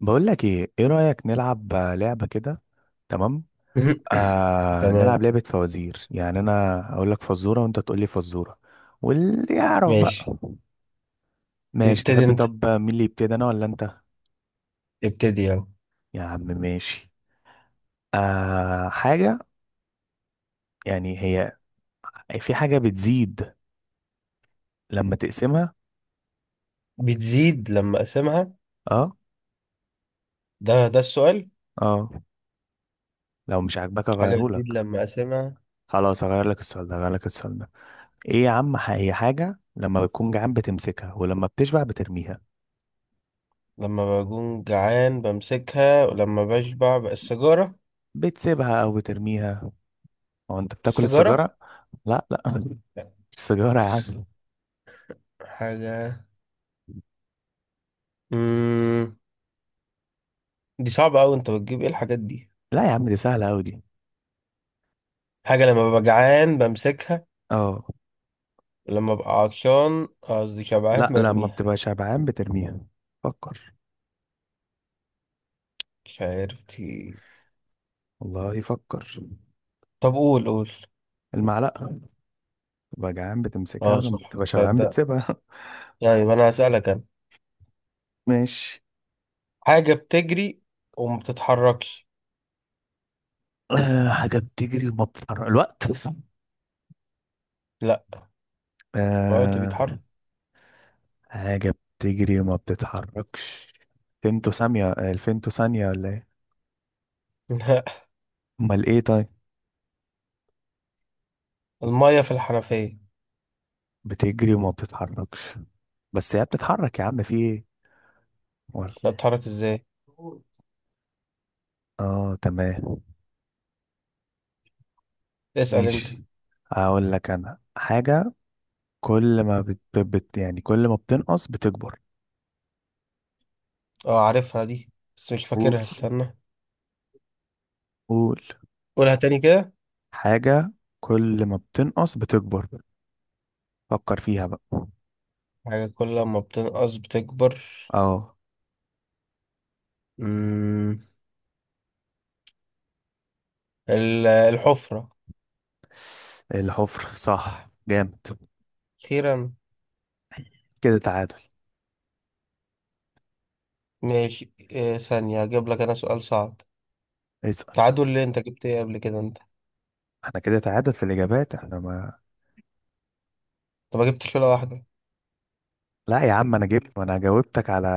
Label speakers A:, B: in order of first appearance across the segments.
A: بقول لك ايه رأيك نلعب، لعبة كده. تمام. نلعب
B: تمام.
A: لعبة فوازير، يعني انا اقول لك فزورة وانت تقول لي فزورة. واللي يعرف بقى.
B: ماشي.
A: ماشي،
B: ابتدي
A: تحب؟
B: انت،
A: طب مين اللي يبتدي، انا ولا انت؟
B: ابتدي يلا.
A: يا عم ماشي. حاجة، يعني هي، في حاجة بتزيد لما تقسمها.
B: بتزيد لما اقسمها؟
A: اه.
B: ده السؤال؟
A: اه. لو مش عاجباك
B: حاجة
A: اغيره
B: بتزيد
A: لك.
B: لما اقسمها.
A: خلاص هغير لك السؤال ده، هغير لك السؤال ده. ايه يا عم، هي حاجة لما بتكون جعان بتمسكها، ولما بتشبع بترميها.
B: لما بكون جعان بمسكها، ولما بشبع بقى السيجارة.
A: بتسيبها او بترميها. هو انت بتاكل
B: السيجارة.
A: السيجاره؟ لا لا.
B: لا،
A: مش سيجاره يا عم.
B: حاجة. مم. دي صعبة أوي، أنت بتجيب إيه الحاجات دي؟
A: لا يا عم، دي سهله قوي دي.
B: حاجة لما ببقى جعان بمسكها،
A: اه.
B: ولما ببقى عطشان قصدي شبعان
A: لا، لما
B: برميها.
A: بتبقى شبعان بترميها. فكر.
B: مش عارف دي.
A: والله يفكر.
B: طب قول قول.
A: المعلقه. تبقى جعان بتمسكها،
B: اه
A: ولما
B: صح،
A: بتبقى شبعان
B: تصدق.
A: بتسيبها.
B: طيب أنا هسألك أنا.
A: ماشي.
B: حاجة بتجري وما بتتحركش.
A: حاجه بتجري وما بتتحرك، الوقت.
B: لا، الوقت
A: آه
B: بيتحرك.
A: حاجه بتجري وما بتتحركش. فيمتو ثانيه، الفيمتو ثانيه ولا ايه؟
B: لا،
A: امال ايه طيب؟
B: المية في الحنفية.
A: بتجري وما بتتحركش. بس هي بتتحرك يا عم، في ايه؟
B: لا، تتحرك ازاي؟
A: ولا. اه تمام.
B: اسأل انت.
A: ماشي. هقول لك انا حاجة. كل ما بت... بت... يعني كل ما بتنقص بتكبر.
B: اه عارفها دي، بس مش
A: قول
B: فاكرها، استنى.
A: قول.
B: قولها تاني كده.
A: حاجة كل ما بتنقص بتكبر. فكر فيها بقى.
B: حاجة كل ما بتنقص بتكبر.
A: اه.
B: مم. الحفرة.
A: الحفر، صح، جامد.
B: أخيرا.
A: كده تعادل.
B: ماشي، إيه ثانية هجيب لك أنا سؤال صعب.
A: اسأل.
B: تعادل ليه، أنت جبت إيه قبل كده أنت؟
A: احنا كده تعادل في الإجابات، احنا ما.
B: أنت ما جبتش ولا واحدة.
A: لا يا عم انا جبت، ما انا جاوبتك على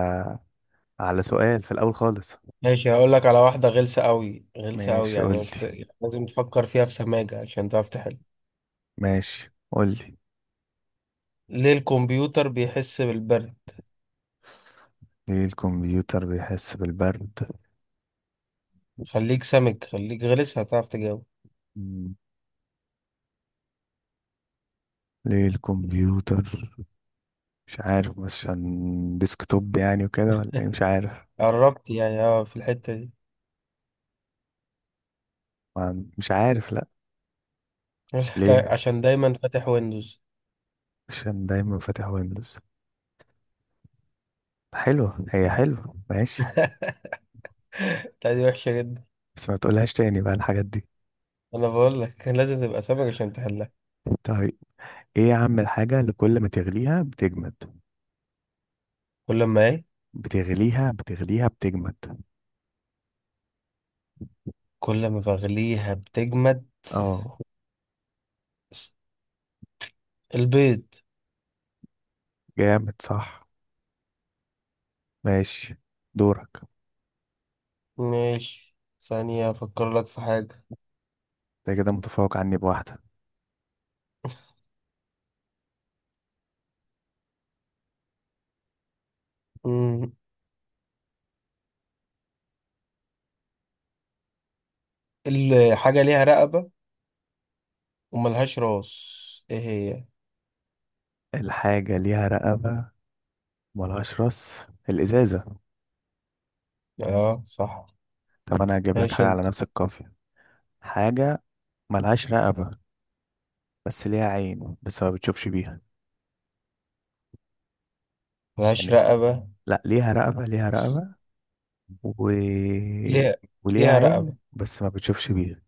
A: على سؤال في الأول خالص.
B: ماشي، هقول لك على واحدة غلسة أوي، غلسة أوي،
A: ماشي قول
B: يعني
A: لي.
B: لازم تفكر فيها في سماجة عشان تعرف تحل.
A: ماشي قول لي
B: ليه الكمبيوتر بيحس بالبرد؟
A: ليه الكمبيوتر بيحس بالبرد؟
B: خليك سمك، خليك غلس، هتعرف تجاوب.
A: مم. ليه الكمبيوتر. مش عارف، بس عشان ديسكتوب يعني وكده ولا ايه، مش عارف.
B: قربت يعني، اه في الحتة دي.
A: مش عارف لا.
B: يقول لك
A: ليه؟
B: عشان دايما فاتح ويندوز.
A: عشان دايما فاتح ويندوز. حلوة، هي حلوة ماشي.
B: لا، دي وحشة جدا.
A: بس ما تقولهاش تاني بقى الحاجات دي.
B: انا بقول لك كان لازم تبقى سمك عشان تحلها.
A: طيب. ايه يا عم الحاجة اللي كل ما تغليها بتجمد؟
B: كل ما ايه؟
A: بتغليها بتجمد.
B: كل ما بغليها بتجمد.
A: اه.
B: س- البيض.
A: جامد صح. ماشي. دورك.
B: ماشي، ثانية افكر لك في حاجة.
A: انت كده متفوق عني بواحدة.
B: مم. الحاجة ليها رقبة وملهاش راس، ايه هي؟
A: الحاجة ليها رقبة. ملهاش راس. الإزازة.
B: اه صح.
A: طب أنا هجيب لك
B: ماشي
A: حاجة على
B: انت.
A: نفس القافية. حاجة، ملهاش رقبة، بس ليها عين بس ما بتشوفش بيها.
B: ملهاش
A: يعني.
B: رقبة؟
A: لا ليها رقبة، ليها رقبة و...
B: ليها
A: وليها
B: ليها
A: عين
B: رقبة.
A: بس ما بتشوفش بيها.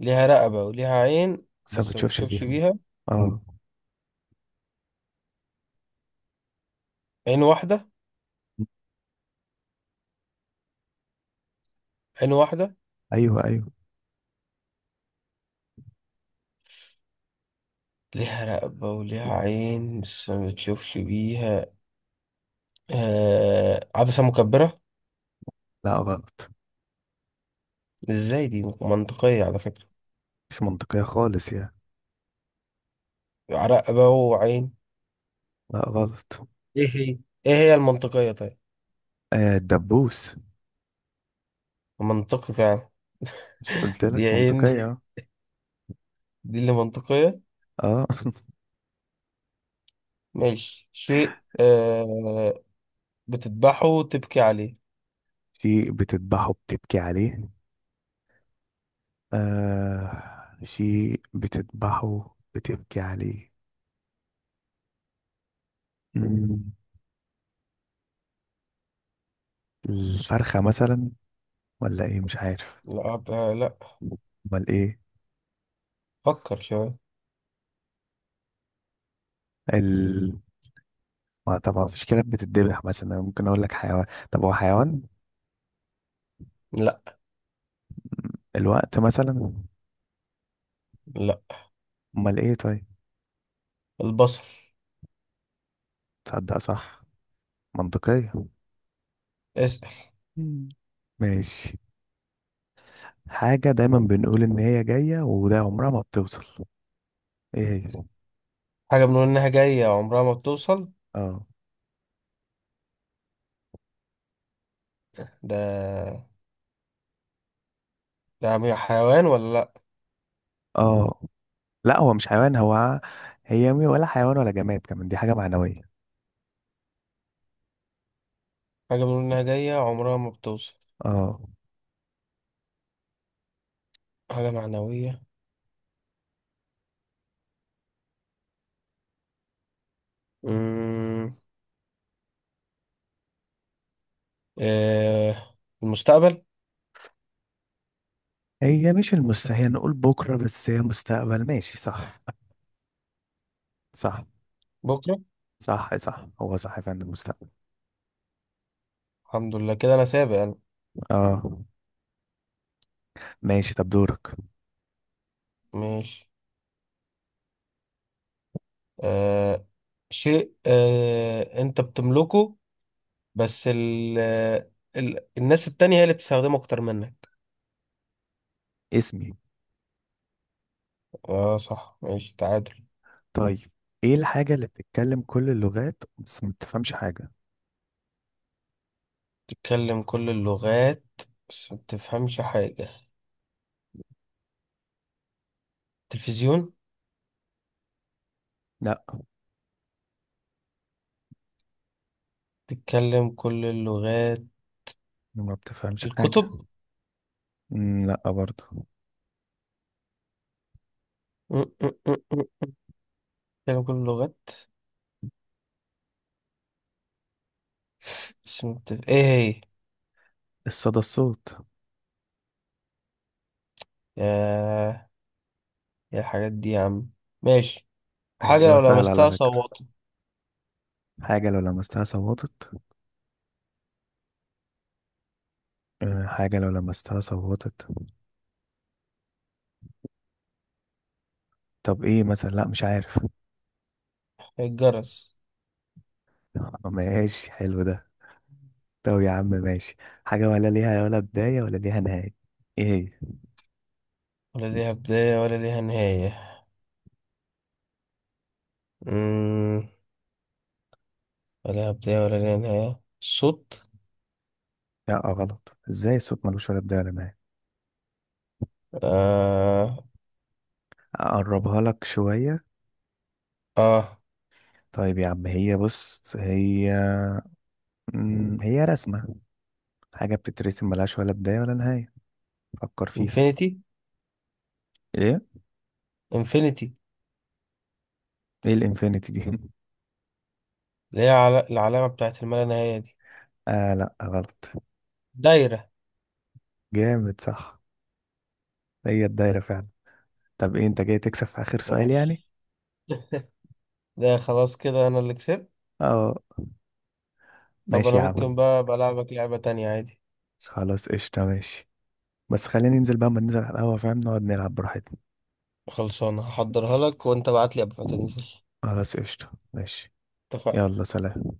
B: ليها رقبة وليها عين
A: بس ما
B: بس ما
A: بتشوفش
B: بتشوفش
A: بيها.
B: بيها.
A: اه.
B: عين واحدة. عين واحدة.
A: أيوه أيوه.
B: ليها رقبة وليها عين بس ما بتشوفش بيها. عدسة مكبرة.
A: لا غلط.
B: ازاي، دي منطقية على فكرة.
A: مش منطقية خالص يعني.
B: رقبة وعين.
A: لا غلط.
B: ايه هي؟ ايه هي المنطقية طيب؟
A: آه، الدبوس.
B: منطقي فعلا.
A: مش قلت
B: دي
A: لك
B: عين.
A: منطقية؟
B: دي اللي منطقية.
A: اه.
B: ماشي، شيء بتذبحه وتبكي عليه.
A: شيء بتذبحه بتبكي عليه. آه، شيء بتذبحه بتبكي عليه. مم. الفرخة مثلا؟ ولا ايه مش عارف.
B: لا. لا.
A: امال ايه؟
B: فكر شوية.
A: ال ما طبعا مفيش كلاب بتتذبح مثلا، أنا ممكن اقول لك حيوان. طب هو حيوان؟
B: لا،
A: الوقت مثلا؟
B: لا،
A: امال ايه طيب؟
B: البصل.
A: تصدق، صح. منطقية.
B: اسأل.
A: مم. ماشي. حاجة دايما بنقول ان هي جاية وده عمرها ما بتوصل. ايه هي؟
B: حاجة بنقول إنها جاية عمرها ما بتوصل.
A: اه.
B: ده حيوان ولا لأ؟
A: اه. لا هو مش حيوان هو. هي ولا حيوان ولا جماد كمان، دي حاجة معنوية.
B: حاجة بنقول إنها جاية عمرها ما بتوصل.
A: اه.
B: حاجة معنوية. أمم، آه. المستقبل.
A: هي مش المستحيل، نقول بكرة، بس هي مستقبل، ماشي صح. صح.
B: بكرة.
A: صح صح، هو صح فعلا، المستقبل.
B: الحمد لله كده أنا سابق أنا.
A: اه. ماشي طب دورك.
B: ماشي. آه. شيء أنت بتملكه، بس الناس التانية هي اللي بتستخدمه أكتر منك.
A: اسمي.
B: آه صح، ماشي تعادل.
A: طيب. ايه الحاجة اللي بتتكلم كل اللغات بس ما بتفهمش حاجة؟
B: تتكلم كل اللغات بس ما بتفهمش حاجة. تلفزيون.
A: لا.
B: تتكلم كل اللغات.
A: ما بتفهمش حاجة.
B: الكتب.
A: مم، لا برضه.
B: م- م- م- م- م. تتكلم كل اللغات بس ايه هي؟
A: الصدى، الصوت.
B: يا يا الحاجات دي يا عم. ماشي. حاجة
A: إجابة
B: لو
A: سهلة على
B: لمستها
A: فكرة.
B: صوتها.
A: حاجة لو لمستها صوتت. آه، حاجة لو لمستها صوتت. طب ايه مثلا؟ لا مش عارف.
B: الجرس.
A: ماشي، حلو ده. طب يا عم ماشي. حاجة ولا بداية ولا ليها نهاية. ايه هي؟
B: ولا ليها بداية ولا ليها نهاية. مم. ولا ليها بداية ولا ليها نهاية الصوت.
A: لا غلط. ازاي؟ الصوت ملوش ولا بداية ولا نهاية.
B: آه
A: اقربها لك شوية.
B: آه
A: طيب يا عم، هي بص هي. هي رسمة، حاجة بتترسم ملهاش ولا بداية ولا نهاية. فكر فيها.
B: انفينيتي.
A: ايه؟
B: انفينيتي.
A: ايه الانفينيتي دي؟
B: اللي هي العلامة بتاعت الملا نهاية دي.
A: اه لا غلط.
B: دايرة.
A: جامد صح. هي الدايرة فعلا. طب ايه انت جاي تكسب في اخر سؤال يعني؟
B: ماشي. ده خلاص كده أنا اللي كسبت.
A: اه.
B: طب
A: ماشي
B: انا
A: يا
B: ممكن
A: عم.
B: بقى بلعبك لعبة تانية عادي؟
A: خلاص قشطة ماشي. بس خلينا ننزل بقى، ما ننزل على القهوة فاهم، نقعد نلعب براحتنا.
B: خلصانة، هحضرها لك وانت بعتلي قبل ما تنزل.
A: خلاص قشطة ماشي.
B: اتفقنا.
A: يلا سلام.